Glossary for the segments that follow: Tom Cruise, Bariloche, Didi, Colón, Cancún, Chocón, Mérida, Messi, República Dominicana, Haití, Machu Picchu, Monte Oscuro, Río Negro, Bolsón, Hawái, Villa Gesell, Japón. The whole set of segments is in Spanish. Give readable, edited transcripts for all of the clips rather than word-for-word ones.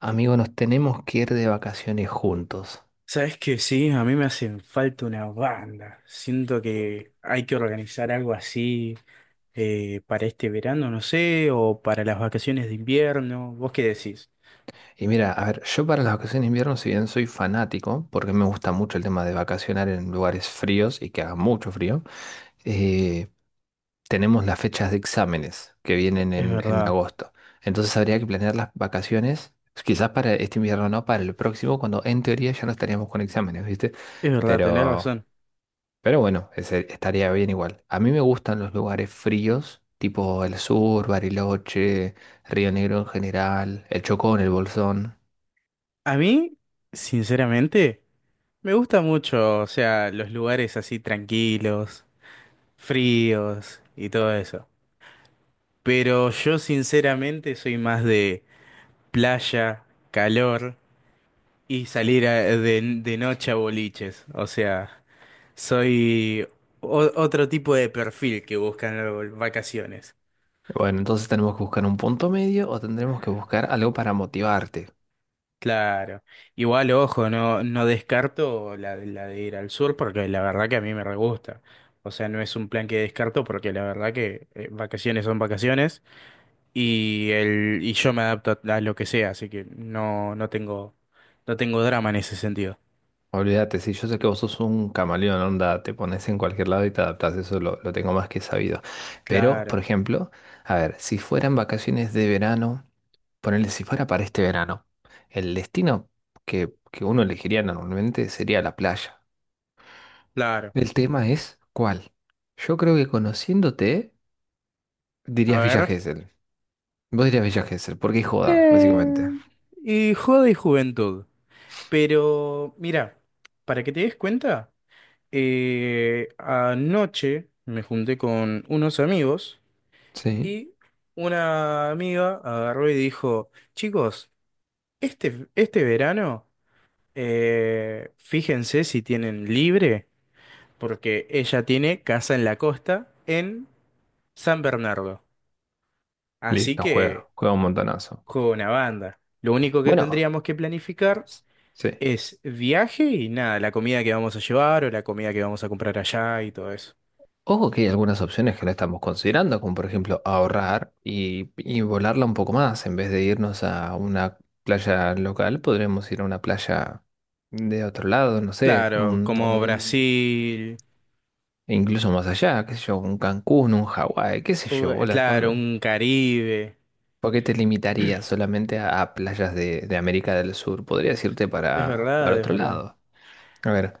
Amigo, nos tenemos que ir de vacaciones juntos. Sabes que sí, a mí me hacen falta una banda. Siento que hay que organizar algo así para este verano, no sé, o para las vacaciones de invierno. ¿Vos qué decís? Y mira, a ver, yo para las vacaciones de invierno, si bien soy fanático, porque me gusta mucho el tema de vacacionar en lugares fríos y que haga mucho frío, eh, tenemos las fechas de exámenes que vienen Es en verdad, agosto. Entonces habría que planear las vacaciones, quizás para este invierno no, para el próximo, cuando en teoría ya no estaríamos con exámenes, ¿viste? es verdad, tenés Pero razón. Pero bueno, estaría bien igual. A mí me gustan los lugares fríos, tipo el sur, Bariloche, Río Negro en general, el Chocón, el Bolsón. A mí, sinceramente, me gusta mucho, o sea, los lugares así tranquilos, fríos y todo eso. Pero yo sinceramente soy más de playa, calor y salir de noche a boliches, o sea. Soy otro tipo de perfil que buscan las vacaciones. Bueno, entonces tenemos que buscar un punto medio o tendremos que buscar algo para motivarte. Claro. Igual, ojo, no, no descarto la de ir al sur porque la verdad que a mí me re gusta. O sea, no es un plan que descarto porque la verdad que vacaciones son vacaciones y, yo me adapto a lo que sea, así que no, no tengo, no tengo drama en ese sentido. Olvídate, si yo sé que vos sos un camaleón, onda, te pones en cualquier lado y te adaptás, eso lo tengo más que sabido. Pero, Claro, por ejemplo, a ver, si fueran vacaciones de verano, ponele si fuera para este verano, el destino que uno elegiría normalmente sería la playa. claro. El tema es ¿cuál? Yo creo que conociéndote A dirías Villa ver. Gesell. Vos dirías Villa Gesell, porque es joda, Eh, básicamente. y joda y juventud. Pero mira, para que te des cuenta, anoche me junté con unos amigos Sí. y una amiga agarró y dijo, chicos, este verano, fíjense si tienen libre, porque ella tiene casa en la costa en San Bernardo. Así Listo, que, juega, juega un montonazo. juego una banda. Lo único que Bueno, tendríamos que planificar s- sí. es viaje y nada, la comida que vamos a llevar o la comida que vamos a comprar allá y todo eso. Ojo que hay algunas opciones que no estamos considerando, como por ejemplo ahorrar y volarla un poco más. En vez de irnos a una playa local, podremos ir a una playa de otro lado, no sé, Claro, un, como un- Brasil, incluso más allá, qué sé yo, un Cancún, un Hawái, qué sé yo, bola. claro, un Caribe. ¿Por qué te limitarías solamente a playas de América del Sur? Podrías irte Es para, verdad, para es otro verdad. lado. A ver,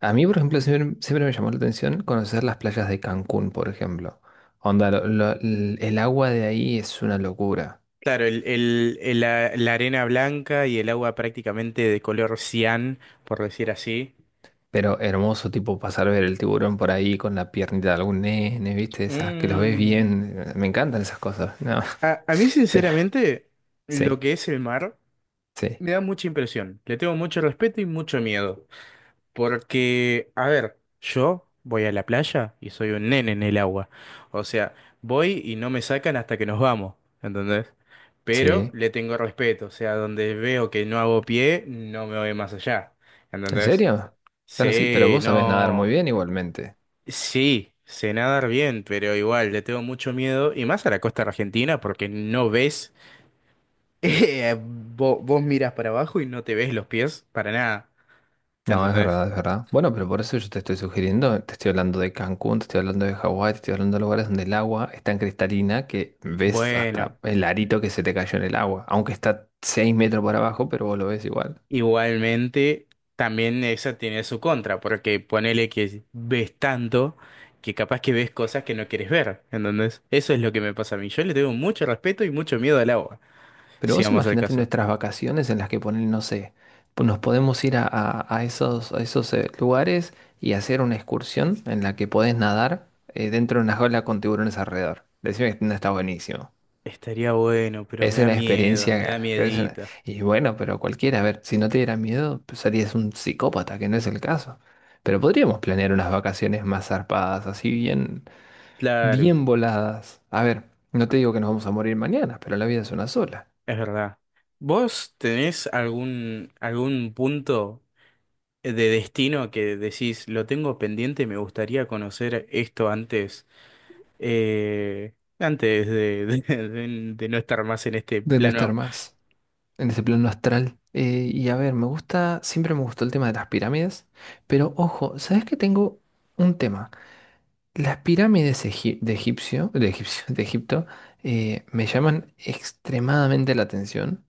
a mí, por ejemplo, siempre, siempre me llamó la atención conocer las playas de Cancún, por ejemplo. Onda, el agua de ahí es una locura. Claro, la arena blanca y el agua prácticamente de color cian, por decir así. Pero hermoso, tipo pasar a ver el tiburón por ahí con la piernita de algún nene, ¿viste? Esas que los ves Mm. bien. Me encantan esas cosas. No, A mí, pero sinceramente, lo sí, que es el mar sí, me da mucha impresión. Le tengo mucho respeto y mucho miedo. Porque, a ver, yo voy a la playa y soy un nene en el agua. O sea, voy y no me sacan hasta que nos vamos, ¿entendés? Pero sí. le tengo respeto, o sea, donde veo que no hago pie, no me voy más allá, ¿En ¿entendés? serio? Están así, pero Sí. vos sabés nadar muy No, bien igualmente. sí, sé nadar bien, pero igual le tengo mucho miedo, y más a la costa argentina, porque no ves, vos miras para abajo y no te ves los pies para nada, No, es ¿entendés? verdad, es verdad. Bueno, pero por eso yo te estoy sugiriendo, te estoy hablando de Cancún, te estoy hablando de Hawái, te estoy hablando de lugares donde el agua es tan cristalina que ves hasta Bueno. el arito que se te cayó en el agua, aunque está 6 metros para abajo, pero vos lo ves igual. Igualmente, también esa tiene su contra, porque ponele que ves tanto que capaz que ves cosas que no quieres ver, entonces eso es lo que me pasa a mí. Yo le tengo mucho respeto y mucho miedo al agua, Pero si vos vamos al imaginate caso. nuestras vacaciones en las que ponen, no sé, nos podemos ir a, a esos lugares y hacer una excursión en la que podés nadar, dentro de una jaula con tiburones alrededor. Decime que no está buenísimo. Estaría bueno, pero me Es da una miedo, me da experiencia. Es una... miedito. Y bueno, pero cualquiera, a ver, si no te diera miedo, pues serías un psicópata, que no es el caso. Pero podríamos planear unas vacaciones más zarpadas, así bien, Claro, bien voladas. A ver, no te digo que nos vamos a morir mañana, pero la vida es una sola. es verdad. ¿Vos tenés algún, algún punto de destino que decís, lo tengo pendiente, me gustaría conocer esto antes? Antes de de no estar más en este De no estar plano. más en ese plano astral. Y a ver, me gusta, siempre me gustó el tema de las pirámides, pero ojo, ¿sabes que tengo un tema? Las pirámides de Egipto, me llaman extremadamente la atención,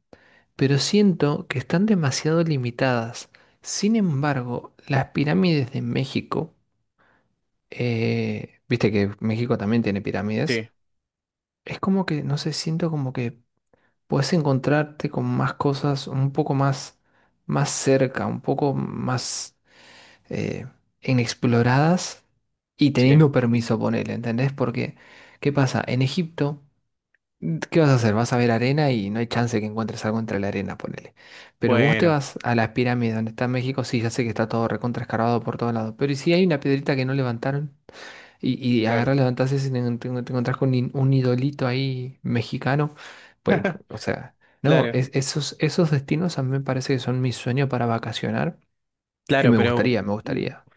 pero siento que están demasiado limitadas. Sin embargo, las pirámides de México, viste que México también tiene Sí, pirámides, es como que, no sé, siento como que puedes encontrarte con más cosas un poco más, más cerca, un poco más, eh, inexploradas y sí. teniendo permiso, ponele, ¿entendés? Porque, ¿qué pasa? En Egipto, ¿qué vas a hacer? Vas a ver arena y no hay chance que encuentres algo entre la arena, ponele. Pero vos te Bueno, vas a las pirámides donde está México, sí, ya sé que está todo recontra escarbado por todos lados, pero ¿y si hay una piedrita que no levantaron? Y, y claro. agarrás, levantás ese y te, te encontrás con un idolito ahí mexicano, pues, o sea... No, Claro, esos, esos destinos a mí me parece que son mi sueño para vacacionar y claro, me pero gustaría, me mm, gustaría.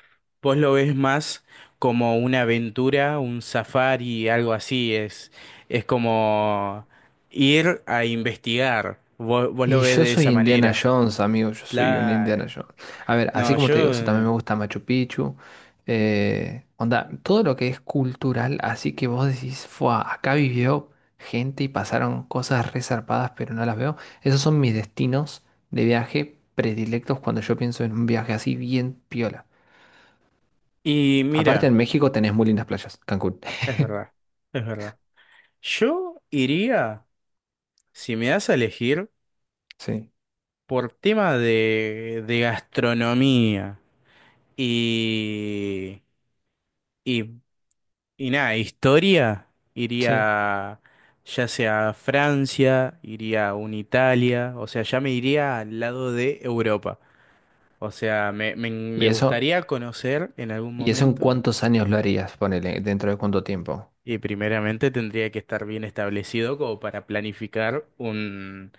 vos lo ves más como una aventura, un safari, algo así. Es como ir a investigar. Vos, vos lo Y ves yo de soy esa Indiana manera. Jones, amigo, yo soy un Indiana Claro. Jones. A ver, así No, como yo... te digo, eso también me gusta Machu Picchu. Onda, todo lo que es cultural, así que vos decís, fua, acá vivió gente y pasaron cosas resarpadas, pero no las veo. Esos son mis destinos de viaje predilectos cuando yo pienso en un viaje así bien piola. Y Aparte en mira, México tenés muy lindas playas, Cancún. es verdad, es verdad. Yo iría, si me das a elegir, Sí, por tema de gastronomía y, y, y nada, historia, sí. iría ya sea a Francia, iría a un Italia, o sea, ya me iría al lado de Europa. O sea, me ¿Y eso, gustaría conocer en algún y eso en momento cuántos años lo harías? Ponele, ¿dentro de cuánto tiempo? y primeramente tendría que estar bien establecido como para planificar un,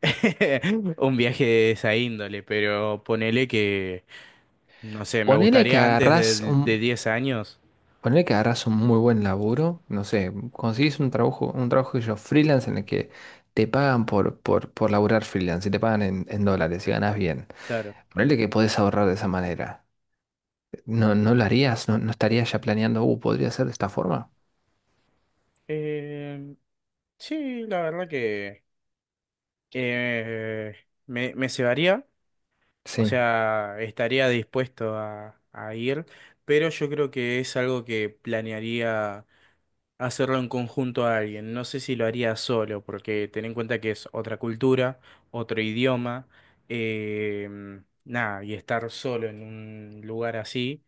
un viaje de esa índole, pero ponele que... No sé, me Ponele que gustaría antes agarrás un, de 10 años. Poner que harás un muy buen laburo, no sé, conseguís un trabajo que yo, freelance, en el que te pagan por laburar freelance y te pagan en dólares y ganas bien. Claro. Ponele que podés ahorrar de esa manera. ¿No, no lo harías? ¿No, no estarías ya planeando, podría ser de esta forma? Eh, sí, la verdad que eh, me cebaría, o Sí. sea, estaría dispuesto a ir, pero yo creo que es algo que planearía hacerlo en conjunto a alguien. No sé si lo haría solo, porque ten en cuenta que es otra cultura, otro idioma, eh, nada, y estar solo en un lugar así.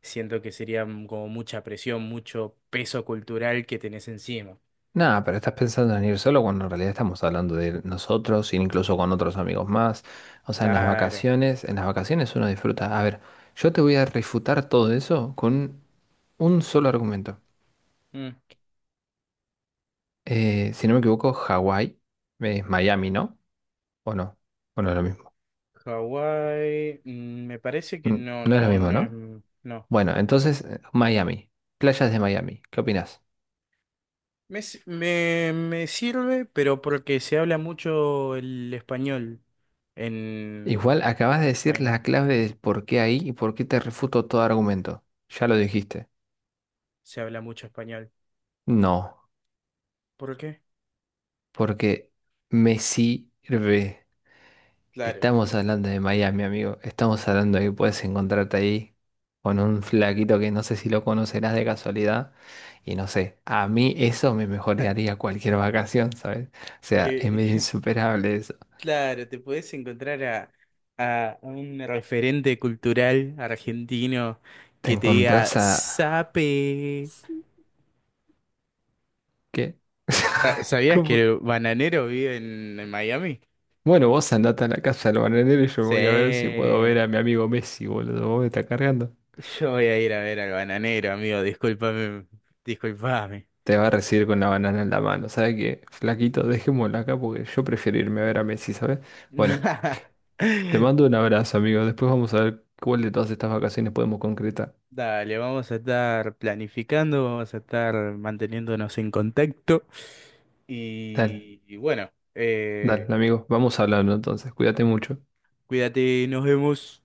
Siento que sería mm, como mucha presión, mucho peso cultural que tenés encima. Nada, pero estás pensando en ir solo cuando en realidad estamos hablando de ir nosotros, incluso con otros amigos más. O sea, Claro. En las vacaciones uno disfruta. A ver, yo te voy a refutar todo eso con un solo argumento. Mm. Si no me equivoco, Hawái es Miami, ¿no? ¿O no? ¿O no es lo mismo? Hawái, mm, me parece que no, No es lo no, mismo, no es, ¿no? mm, no. Bueno, entonces, Miami, playas de Miami, ¿qué opinas? Me, me, me sirve, pero porque se habla mucho el español en Igual acabas de decir Miami. la clave de por qué ahí y por qué te refuto todo argumento. Ya lo dijiste. Se habla mucho español. No, ¿Por qué? porque me sirve. Claro. Estamos hablando de Miami, amigo. Estamos hablando de que puedes encontrarte ahí con un flaquito que no sé si lo conocerás de casualidad. Y no sé, a mí eso me mejoraría cualquier vacación, ¿sabes? O sea, es Que medio insuperable eso. claro, te puedes encontrar a un referente cultural argentino Te que te diga encontrás a... sape. ¿Qué? Ah, ¿sabías que ¿Cómo? el bananero vive en Miami? Bueno, vos andate a la casa del bananero y yo Sí. voy a ver si puedo ver a mi amigo Messi, boludo. Vos me estás cargando. Yo voy a ir a ver al bananero, amigo. Discúlpame, discúlpame. Te va a recibir con la banana en la mano. ¿Sabes qué? Flaquito, dejémoslo acá porque yo prefiero irme a ver a Messi, ¿sabes? Bueno. Te mando un abrazo, amigo. Después vamos a ver cuál de todas estas vacaciones podemos concretar. Dale, vamos a estar planificando, vamos a estar manteniéndonos en contacto. Dale, Y bueno, dale, amigo. Vamos hablando entonces. Cuídate mucho. cuídate, nos vemos.